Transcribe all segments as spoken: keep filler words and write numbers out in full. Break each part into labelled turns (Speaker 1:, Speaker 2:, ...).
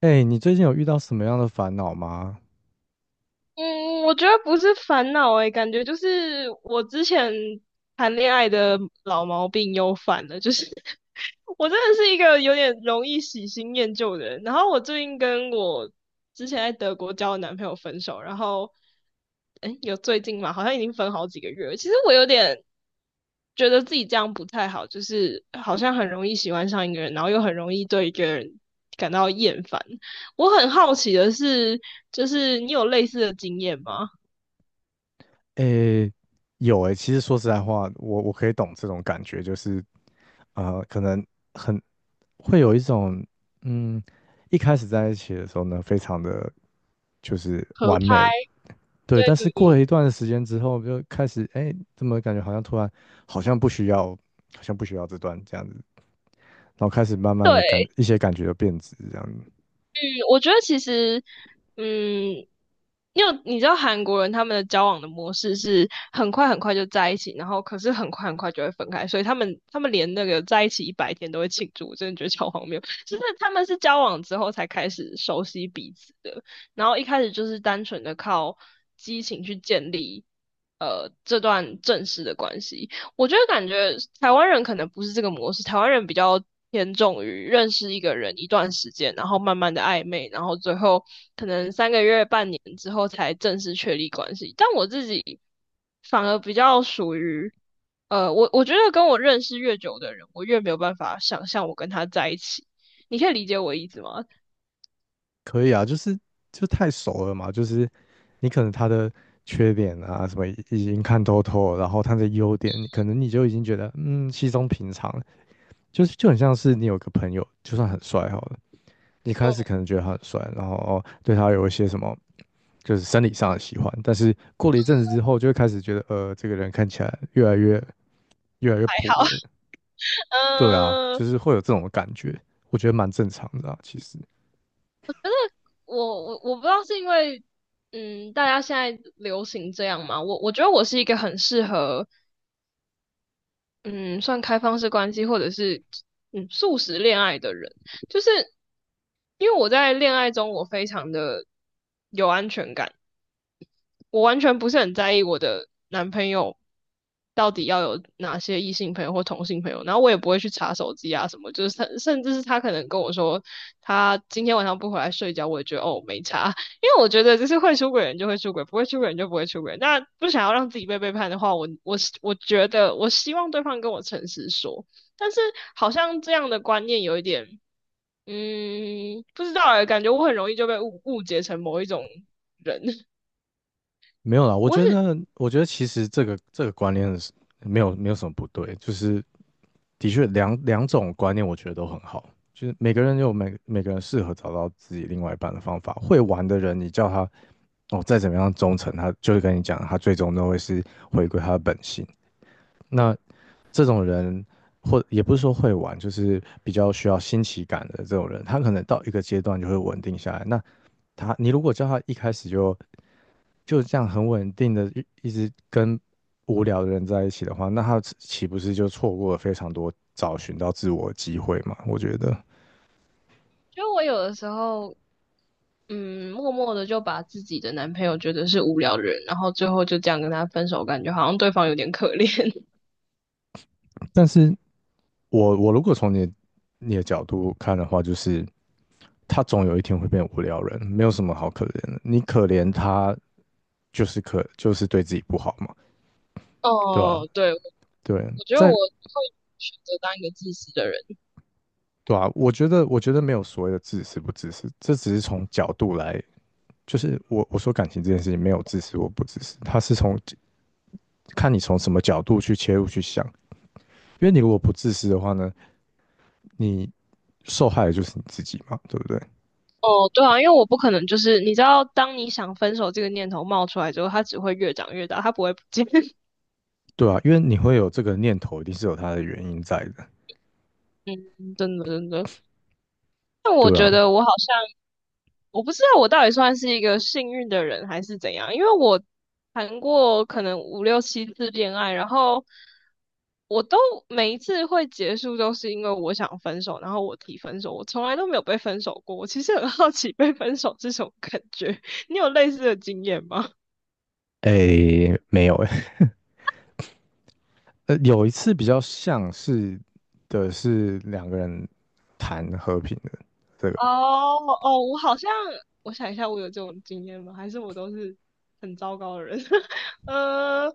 Speaker 1: 哎，你最近有遇到什么样的烦恼吗？
Speaker 2: 嗯，我觉得不是烦恼诶，感觉就是我之前谈恋爱的老毛病又犯了，就是 我真的是一个有点容易喜新厌旧的人。然后我最近跟我之前在德国交的男朋友分手，然后诶，有最近嘛，好像已经分好几个月了。其实我有点觉得自己这样不太好，就是好像很容易喜欢上一个人，然后又很容易对一个人感到厌烦。我很好奇的是，就是你有类似的经验吗？
Speaker 1: 哎，有哎，其实说实在话，我我可以懂这种感觉，就是呃，可能很会有一种嗯，一开始在一起的时候呢，非常的就是
Speaker 2: 合
Speaker 1: 完
Speaker 2: 拍，
Speaker 1: 美。对，
Speaker 2: 对
Speaker 1: 但是
Speaker 2: 对
Speaker 1: 过
Speaker 2: 对，
Speaker 1: 了一段时间之后，就开始哎，怎么感觉好像突然好像不需要，好像不需要这段这样子，然后开始慢慢的
Speaker 2: 对，
Speaker 1: 感一些感觉就变质这样子。
Speaker 2: 嗯，我觉得其实，嗯，因为你知道韩国人他们的交往的模式是很快很快就在一起，然后可是很快很快就会分开，所以他们他们连那个在一起一百天都会庆祝，我真的觉得超荒谬。就是他们是交往之后才开始熟悉彼此的，然后一开始就是单纯的靠激情去建立。呃，这段正式的关系，我觉得感觉台湾人可能不是这个模式，台湾人比较偏重于认识一个人一段时间，然后慢慢的暧昧，然后最后可能三个月、半年之后才正式确立关系。但我自己反而比较属于，呃，我我觉得跟我认识越久的人，我越没有办法想象我跟他在一起。你可以理解我意思吗？
Speaker 1: 可以啊，就是就太熟了嘛，就是你可能他的缺点啊什么已已经看透透了，然后他的优点，可能你就已经觉得嗯稀松平常了。就是就很像是你有个朋友，就算很帅好了，你开始
Speaker 2: 嗯，
Speaker 1: 可能觉得他很帅，然后哦对他有一些什么就是生理上的喜欢，但是过了一阵子之后，就会开始觉得呃这个人看起来越来越越来越
Speaker 2: 好，
Speaker 1: 普了。对啊，
Speaker 2: 嗯，
Speaker 1: 就是会有这种感觉，我觉得蛮正常的啊，其实。
Speaker 2: 我我我不知道是因为，嗯，大家现在流行这样嘛，我我觉得我是一个很适合嗯，算开放式关系，或者是嗯素食恋爱的人，就是因为我在恋爱中我非常的有安全感，我完全不是很在意我的男朋友到底要有哪些异性朋友或同性朋友，然后我也不会去查手机啊什么，就是甚甚至是他可能跟我说他今天晚上不回来睡觉，我也觉得哦没查，因为我觉得就是会出轨人就会出轨，不会出轨人就不会出轨。那不想要让自己被背叛的话，我我我觉得我希望对方跟我诚实说，但是好像这样的观念有一点，嗯，不知道哎，感觉我很容易就被误误解成某一种人，
Speaker 1: 没有啦，我
Speaker 2: 我很。
Speaker 1: 觉得，我觉得其实这个这个观念是没有没有什么不对，就是的确两两种观念我觉得都很好，就是每个人有每每个人适合找到自己另外一半的方法。会玩的人，你叫他哦再怎么样忠诚，他就是跟你讲，他最终都会是回归他的本性。那这种人，或也不是说会玩，就是比较需要新奇感的这种人，他可能到一个阶段就会稳定下来。那他，你如果叫他一开始就就这样很稳定的一一直跟无聊的人在一起的话，那他岂岂不是就错过了非常多找寻到自我的机会嘛？我觉得，
Speaker 2: 就我有的时候，嗯，默默的就把自己的男朋友觉得是无聊的人，然后最后就这样跟他分手，感觉好像对方有点可怜。
Speaker 1: 但是我我如果从你你的角度看的话，就是他总有一天会变无聊人，没有什么好可怜的。你可怜他，就是可就是对自己不好嘛，对吧、
Speaker 2: 哦，对，我
Speaker 1: 对，
Speaker 2: 我觉得我
Speaker 1: 在
Speaker 2: 会选择当一个自私的人。
Speaker 1: 对啊，我觉得我觉得没有所谓的自私不自私，这只是从角度来，就是我我说感情这件事情没有自私或不自私，他是从看你从什么角度去切入去想，因为你如果不自私的话呢，你受害的就是你自己嘛，对不对？
Speaker 2: 哦，对啊，因为我不可能就是你知道，当你想分手这个念头冒出来之后，它只会越长越大，它不会不见。
Speaker 1: 对啊，因为你会有这个念头，一定是有它的原因在的。
Speaker 2: 嗯，真的真的。但我
Speaker 1: 对啊，
Speaker 2: 觉得我好像，我不知道我到底算是一个幸运的人还是怎样，因为我谈过可能五六七次恋爱，然后我都每一次会结束都是因为我想分手，然后我提分手，我从来都没有被分手过。我其实很好奇被分手这种感觉，你有类似的经验吗？
Speaker 1: 诶，没有诶，呃，有一次比较像是的是两个人谈和平的这个，
Speaker 2: 哦哦，我好像，我想一下，我有这种经验吗？还是我都是很糟糕的人？呃，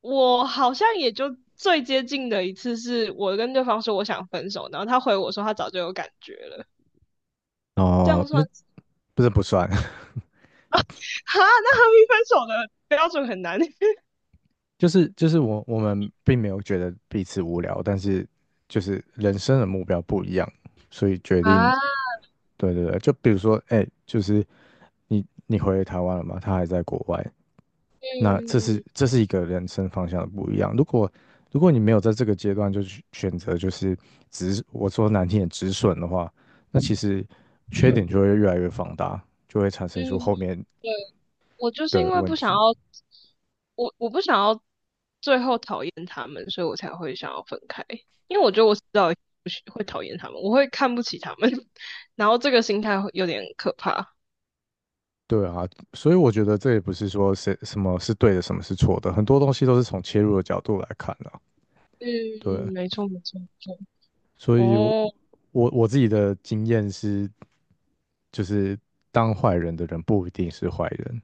Speaker 2: 我好像也就最接近的一次是我跟对方说我想分手，然后他回我说他早就有感觉了，这
Speaker 1: 哦，
Speaker 2: 样算
Speaker 1: 那
Speaker 2: 是
Speaker 1: 不是不算，
Speaker 2: 啊？那和平分手的标准很难
Speaker 1: 就是就是我我们并没有觉得彼此无聊，但是就是人生的目标不一样，所以决定，
Speaker 2: 啊，
Speaker 1: 对对对，就比如说，哎，就是你你回台湾了嘛，他还在国外，那这是
Speaker 2: 嗯
Speaker 1: 这是一个人生方向的不一样。如果如果你没有在这个阶段就去选择，就是止，我说难听点止损的话，那其实缺点就会越来越放大，就会产
Speaker 2: 嗯，
Speaker 1: 生出后面
Speaker 2: 对。我就是因
Speaker 1: 的
Speaker 2: 为
Speaker 1: 问
Speaker 2: 不想要，
Speaker 1: 题。
Speaker 2: 我我不想要最后讨厌他们，所以我才会想要分开。因为我觉得我迟早不喜会讨厌他们，我会看不起他们，然后这个心态会有点可怕。
Speaker 1: 对啊，所以我觉得这也不是说谁什么是对的，什么是错的，很多东西都是从切入的角度来看的啊。对，
Speaker 2: 嗯，没错没错没错。
Speaker 1: 所以我
Speaker 2: 哦，
Speaker 1: 我我自己的经验是，就是当坏人的人不一定是坏人。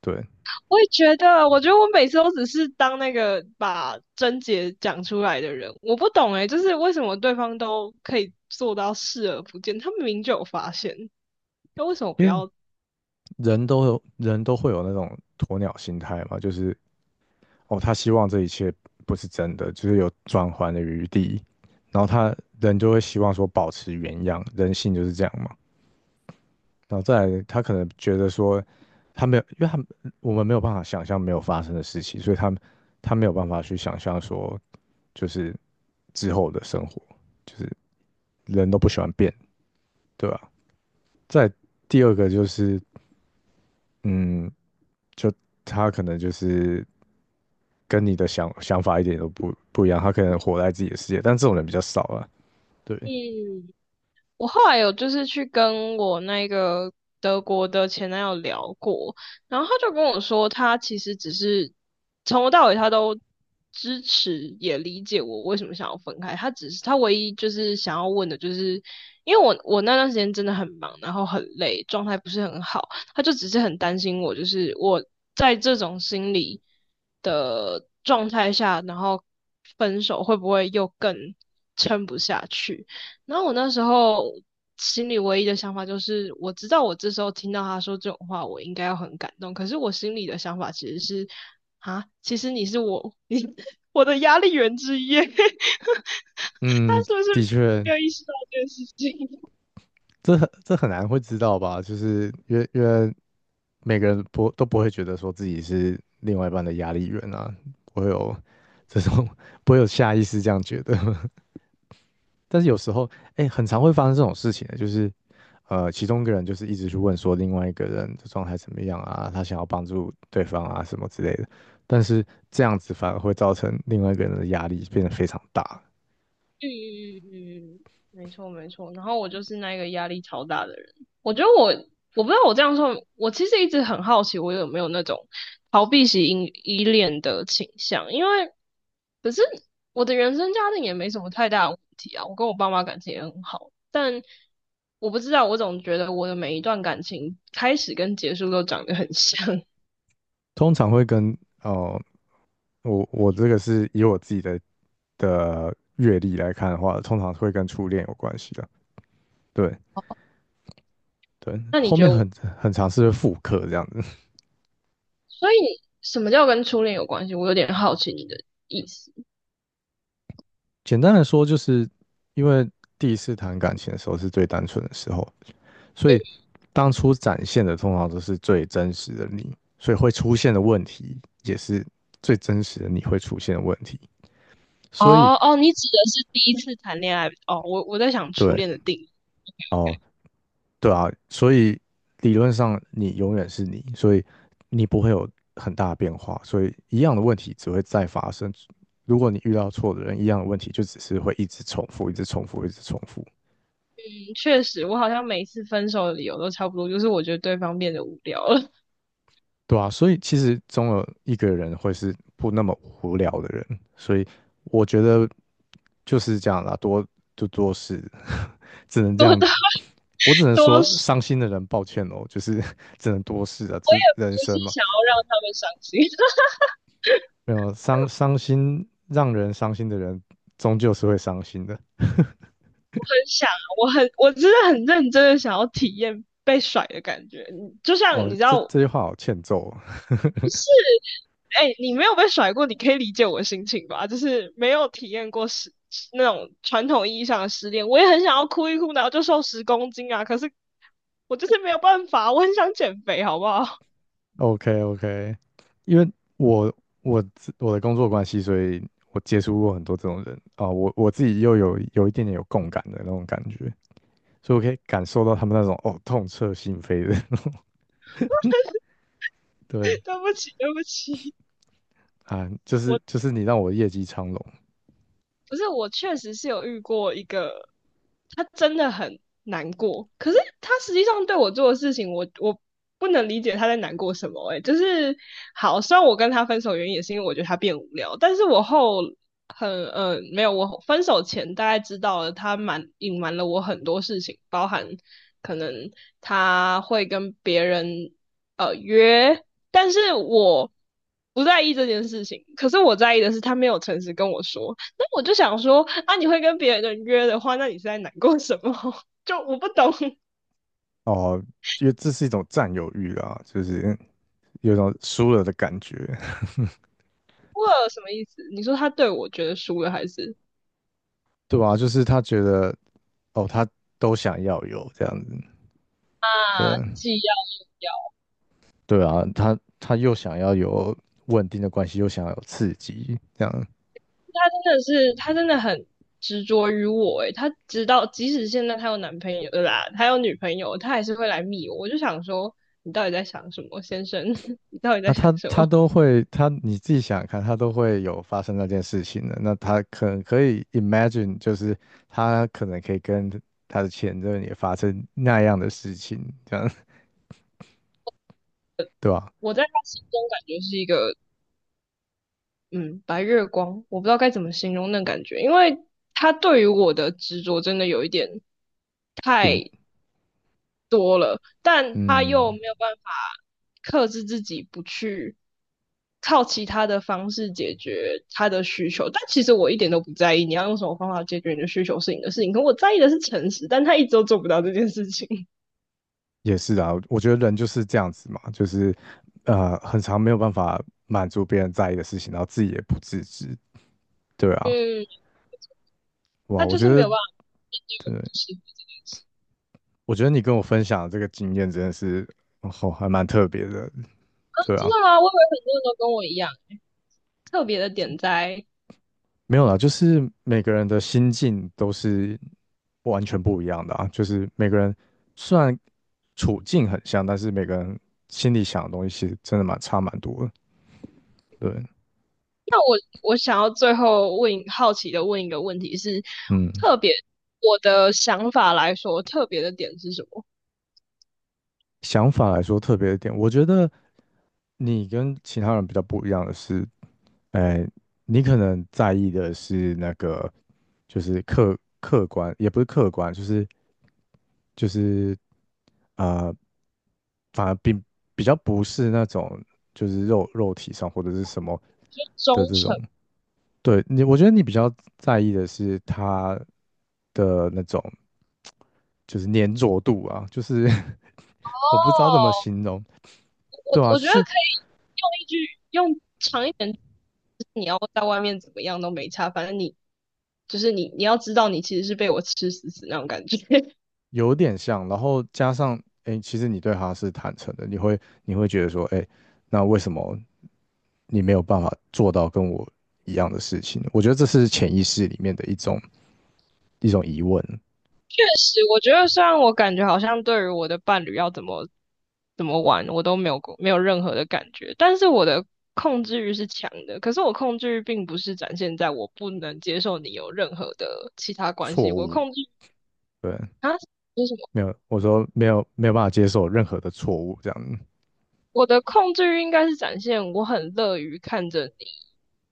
Speaker 1: 对，
Speaker 2: 我也觉得，我觉得我每次都只是当那个把症结讲出来的人，我不懂诶，就是为什么对方都可以做到视而不见，他们明明就有发现，那为什么不
Speaker 1: 因为
Speaker 2: 要？
Speaker 1: 人都有人都会有那种鸵鸟心态嘛，就是哦，他希望这一切不是真的，就是有转圜的余地，然后他人就会希望说保持原样，人性就是这样嘛。然后再来，他可能觉得说他没有，因为他我们没有办法想象没有发生的事情，所以他他没有办法去想象说就是之后的生活，就是人都不喜欢变，对吧？再来第二个就是，嗯，就他可能就是。跟你的想想法一点都不不一样，他可能活在自己的世界，但这种人比较少啊。对，
Speaker 2: 嗯，我后来有就是去跟我那个德国的前男友聊过，然后他就跟我说，他其实只是从头到尾他都支持也理解我为什么想要分开，他只是他唯一就是想要问的就是，因为我我那段时间真的很忙，然后很累，状态不是很好，他就只是很担心我，就是我在这种心理的状态下，然后分手会不会又更撑不下去。然后我那时候心里唯一的想法就是，我知道我这时候听到他说这种话，我应该要很感动。可是我心里的想法其实是，啊，其实你是我，你我的压力源之一耶 他是
Speaker 1: 嗯，
Speaker 2: 不是
Speaker 1: 的确，
Speaker 2: 没有意识到这件事情？
Speaker 1: 这很这很难会知道吧？就是因为因为每个人不都不会觉得说自己是另外一半的压力源啊，不会有这种 不会有下意识这样觉得。但是有时候，哎、很常会发生这种事情的，就是呃，其中一个人就是一直去问说另外一个人的状态怎么样啊，他想要帮助对方啊什么之类的，但是这样子反而会造成另外一个人的压力变得非常大。
Speaker 2: 嗯嗯嗯嗯，没错没错。然后我就是那个压力超大的人。我觉得我我不知道我这样说，我其实一直很好奇，我有没有那种逃避型依依恋的倾向？因为可是我的原生家庭也没什么太大的问题啊，我跟我爸妈感情也很好，但我不知道，我总觉得我的每一段感情开始跟结束都长得很像。
Speaker 1: 通常会跟哦，我我这个是以我自己的的阅历来看的话，通常会跟初恋有关系的。对对，
Speaker 2: 那你
Speaker 1: 后
Speaker 2: 觉
Speaker 1: 面
Speaker 2: 得我？
Speaker 1: 很很尝试复刻这样子。
Speaker 2: 所以什么叫跟初恋有关系？我有点好奇你的意思。
Speaker 1: 简单来说，就是因为第一次谈感情的时候是最单纯的时候，所以当初展现的通常都是最真实的你，所以会出现的问题也是最真实的你会出现的问题。所以
Speaker 2: 哦哦，你指的是第一次谈恋爱哦？我我在想初
Speaker 1: 对
Speaker 2: 恋的定义，
Speaker 1: 哦，对啊，所以理论上你永远是你，所以你不会有很大的变化，所以一样的问题只会再发生。如果你遇到错的人，一样的问题就只是会一直重复，一直重复，一直重复。
Speaker 2: 嗯，确实，我好像每次分手的理由都差不多，就是我觉得对方变得无聊了，
Speaker 1: 对啊，所以其实总有一个人会是不那么无聊的人，所以我觉得就是这样啦，多就多事，只能这
Speaker 2: 多
Speaker 1: 样
Speaker 2: 大
Speaker 1: 子。我只能
Speaker 2: 多
Speaker 1: 说，
Speaker 2: 是，
Speaker 1: 伤心的人抱歉哦，就是 只能多事啊，这是
Speaker 2: 不
Speaker 1: 人
Speaker 2: 是
Speaker 1: 生嘛，
Speaker 2: 想要让他们伤心，
Speaker 1: 没有伤伤心让人伤心的人，终究是会伤心的。
Speaker 2: 很想啊，我很我真的很认真的想要体验被甩的感觉，你就像
Speaker 1: 哦，
Speaker 2: 你知
Speaker 1: 这
Speaker 2: 道，
Speaker 1: 这句话好欠揍哦。
Speaker 2: 哎，你没有被甩过，你可以理解我的心情吧？就是没有体验过失那种传统意义上的失恋，我也很想要哭一哭，然后就瘦十公斤啊！可是我就是没有办法，我很想减肥，好不好？
Speaker 1: O K O K，因为我我自我的工作关系，所以我接触过很多这种人啊、我我自己又有有一点点有共感的那种感觉，所以我可以感受到他们那种哦痛彻心扉的，对
Speaker 2: 对不起，对不起，
Speaker 1: 啊，就是
Speaker 2: 我
Speaker 1: 就是你让我业绩昌隆
Speaker 2: 不是，我确实是有遇过一个，他真的很难过，可是他实际上对我做的事情，我我不能理解他在难过什么、欸。哎，就是好，虽然我跟他分手原因也是因为我觉得他变无聊，但是我后嗯，没有，我分手前大概知道了他瞒隐瞒了我很多事情，包含可能他会跟别人呃约，但是我不在意这件事情。可是我在意的是他没有诚实跟我说，那我就想说啊，你会跟别人约的话，那你是在难过什么？就我不懂，
Speaker 1: 哦，因为这是一种占有欲啊，就是有一种输了的感觉。
Speaker 2: 我有什么意思？你说他对我觉得输了还是
Speaker 1: 对吧、就是他觉得哦他都想要有这样子，对，
Speaker 2: 啊，既要
Speaker 1: 对啊，他他又想要有稳定的关系，又想要有刺激，这样
Speaker 2: 他真的是，他真的很执着于我诶，她直到即使现在他有男朋友了啦，他有女朋友，他还是会来密我。我就想说，你到底在想什么，先生？你到底在
Speaker 1: 啊，
Speaker 2: 想
Speaker 1: 他
Speaker 2: 什
Speaker 1: 他
Speaker 2: 么？
Speaker 1: 都会，他你自己想想看，他都会有发生那件事情的。那他可能可以 imagine，就是他可能可以跟他的前任也发生那样的事情，这样 对吧？
Speaker 2: 我在他心中感觉是一个嗯白月光，我不知道该怎么形容那感觉，因为他对于我的执着真的有一点。
Speaker 1: 并
Speaker 2: 但他又
Speaker 1: 嗯，
Speaker 2: 没有办法克制自己不去靠其他的方式解决他的需求。但其实我一点都不在意你要用什么方法解决你的需求是你的事情，可我在意的是诚实，但他一直都做不到这件事情。
Speaker 1: 也是啊，我觉得人就是这样子嘛，就是呃，很常没有办法满足别人在意的事情，然后自己也不自知，对啊，
Speaker 2: 嗯，
Speaker 1: 哇，
Speaker 2: 他
Speaker 1: 我
Speaker 2: 就
Speaker 1: 觉
Speaker 2: 是没
Speaker 1: 得。
Speaker 2: 有办法
Speaker 1: 对
Speaker 2: 是
Speaker 1: 我觉得你跟我分享的这个经验真的是，哦，还蛮特别的，对
Speaker 2: 真
Speaker 1: 啊，
Speaker 2: 的吗？我以为很多人都跟我一样。特别的点在，
Speaker 1: 没有啦，就是每个人的心境都是完全不一样的啊，就是每个人虽然处境很像，但是每个人心里想的东西其实真的蛮差蛮多的，对，
Speaker 2: 那我我想要最后问好奇的问一个问题是，
Speaker 1: 嗯，
Speaker 2: 特别我的想法来说，特别的点是什么？
Speaker 1: 想法来说特别一点，我觉得你跟其他人比较不一样的是，呃，你可能在意的是那个，就是客客观，也不是客观，就是就是呃，反而并比较不是那种就是肉肉体上或者是什么
Speaker 2: 就是忠
Speaker 1: 的这种。
Speaker 2: 诚。
Speaker 1: 对你，我觉得你比较在意的是他的那种就是粘着度啊，就是
Speaker 2: 哦，
Speaker 1: 我不知道怎么形容。
Speaker 2: 我
Speaker 1: 对啊，
Speaker 2: 我
Speaker 1: 就
Speaker 2: 觉得
Speaker 1: 是
Speaker 2: 可以用一句用长一点，你要在外面怎么样都没差，反正你就是你你要知道你其实是被我吃死死那种感觉。
Speaker 1: 有点像，然后加上，哎，其实你对他是坦诚的，你会你会觉得说，哎，那为什么你没有办法做到跟我一样的事情呢？我觉得这是潜意识里面的一种一种疑问、
Speaker 2: 确实，我觉得虽然我感觉好像对于我的伴侣要怎么怎么玩，我都没有过没有任何的感觉，但是我的控制欲是强的。可是我控制欲并不是展现在我不能接受你有任何的其他关
Speaker 1: 错
Speaker 2: 系，我
Speaker 1: 误，
Speaker 2: 控制欲
Speaker 1: 对，
Speaker 2: 啊，就是
Speaker 1: 没有，我说没有没有办法接受任何的错误，这样，
Speaker 2: 我的控制欲应该是展现我很乐于看着你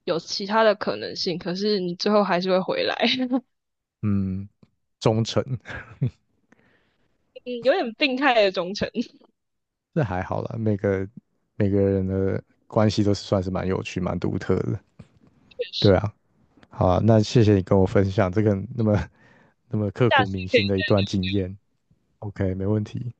Speaker 2: 有其他的可能性，可是你最后还是会回来，
Speaker 1: 嗯，忠诚，
Speaker 2: 嗯有点病态的忠诚。
Speaker 1: 这还好啦，每个每个人的关系都是算是蛮有趣、蛮独特的，对啊，好啊，那谢谢你跟我分享这个那么 那么刻
Speaker 2: 下
Speaker 1: 骨
Speaker 2: 次
Speaker 1: 铭
Speaker 2: 可以
Speaker 1: 心的一段经验。OK，没问题。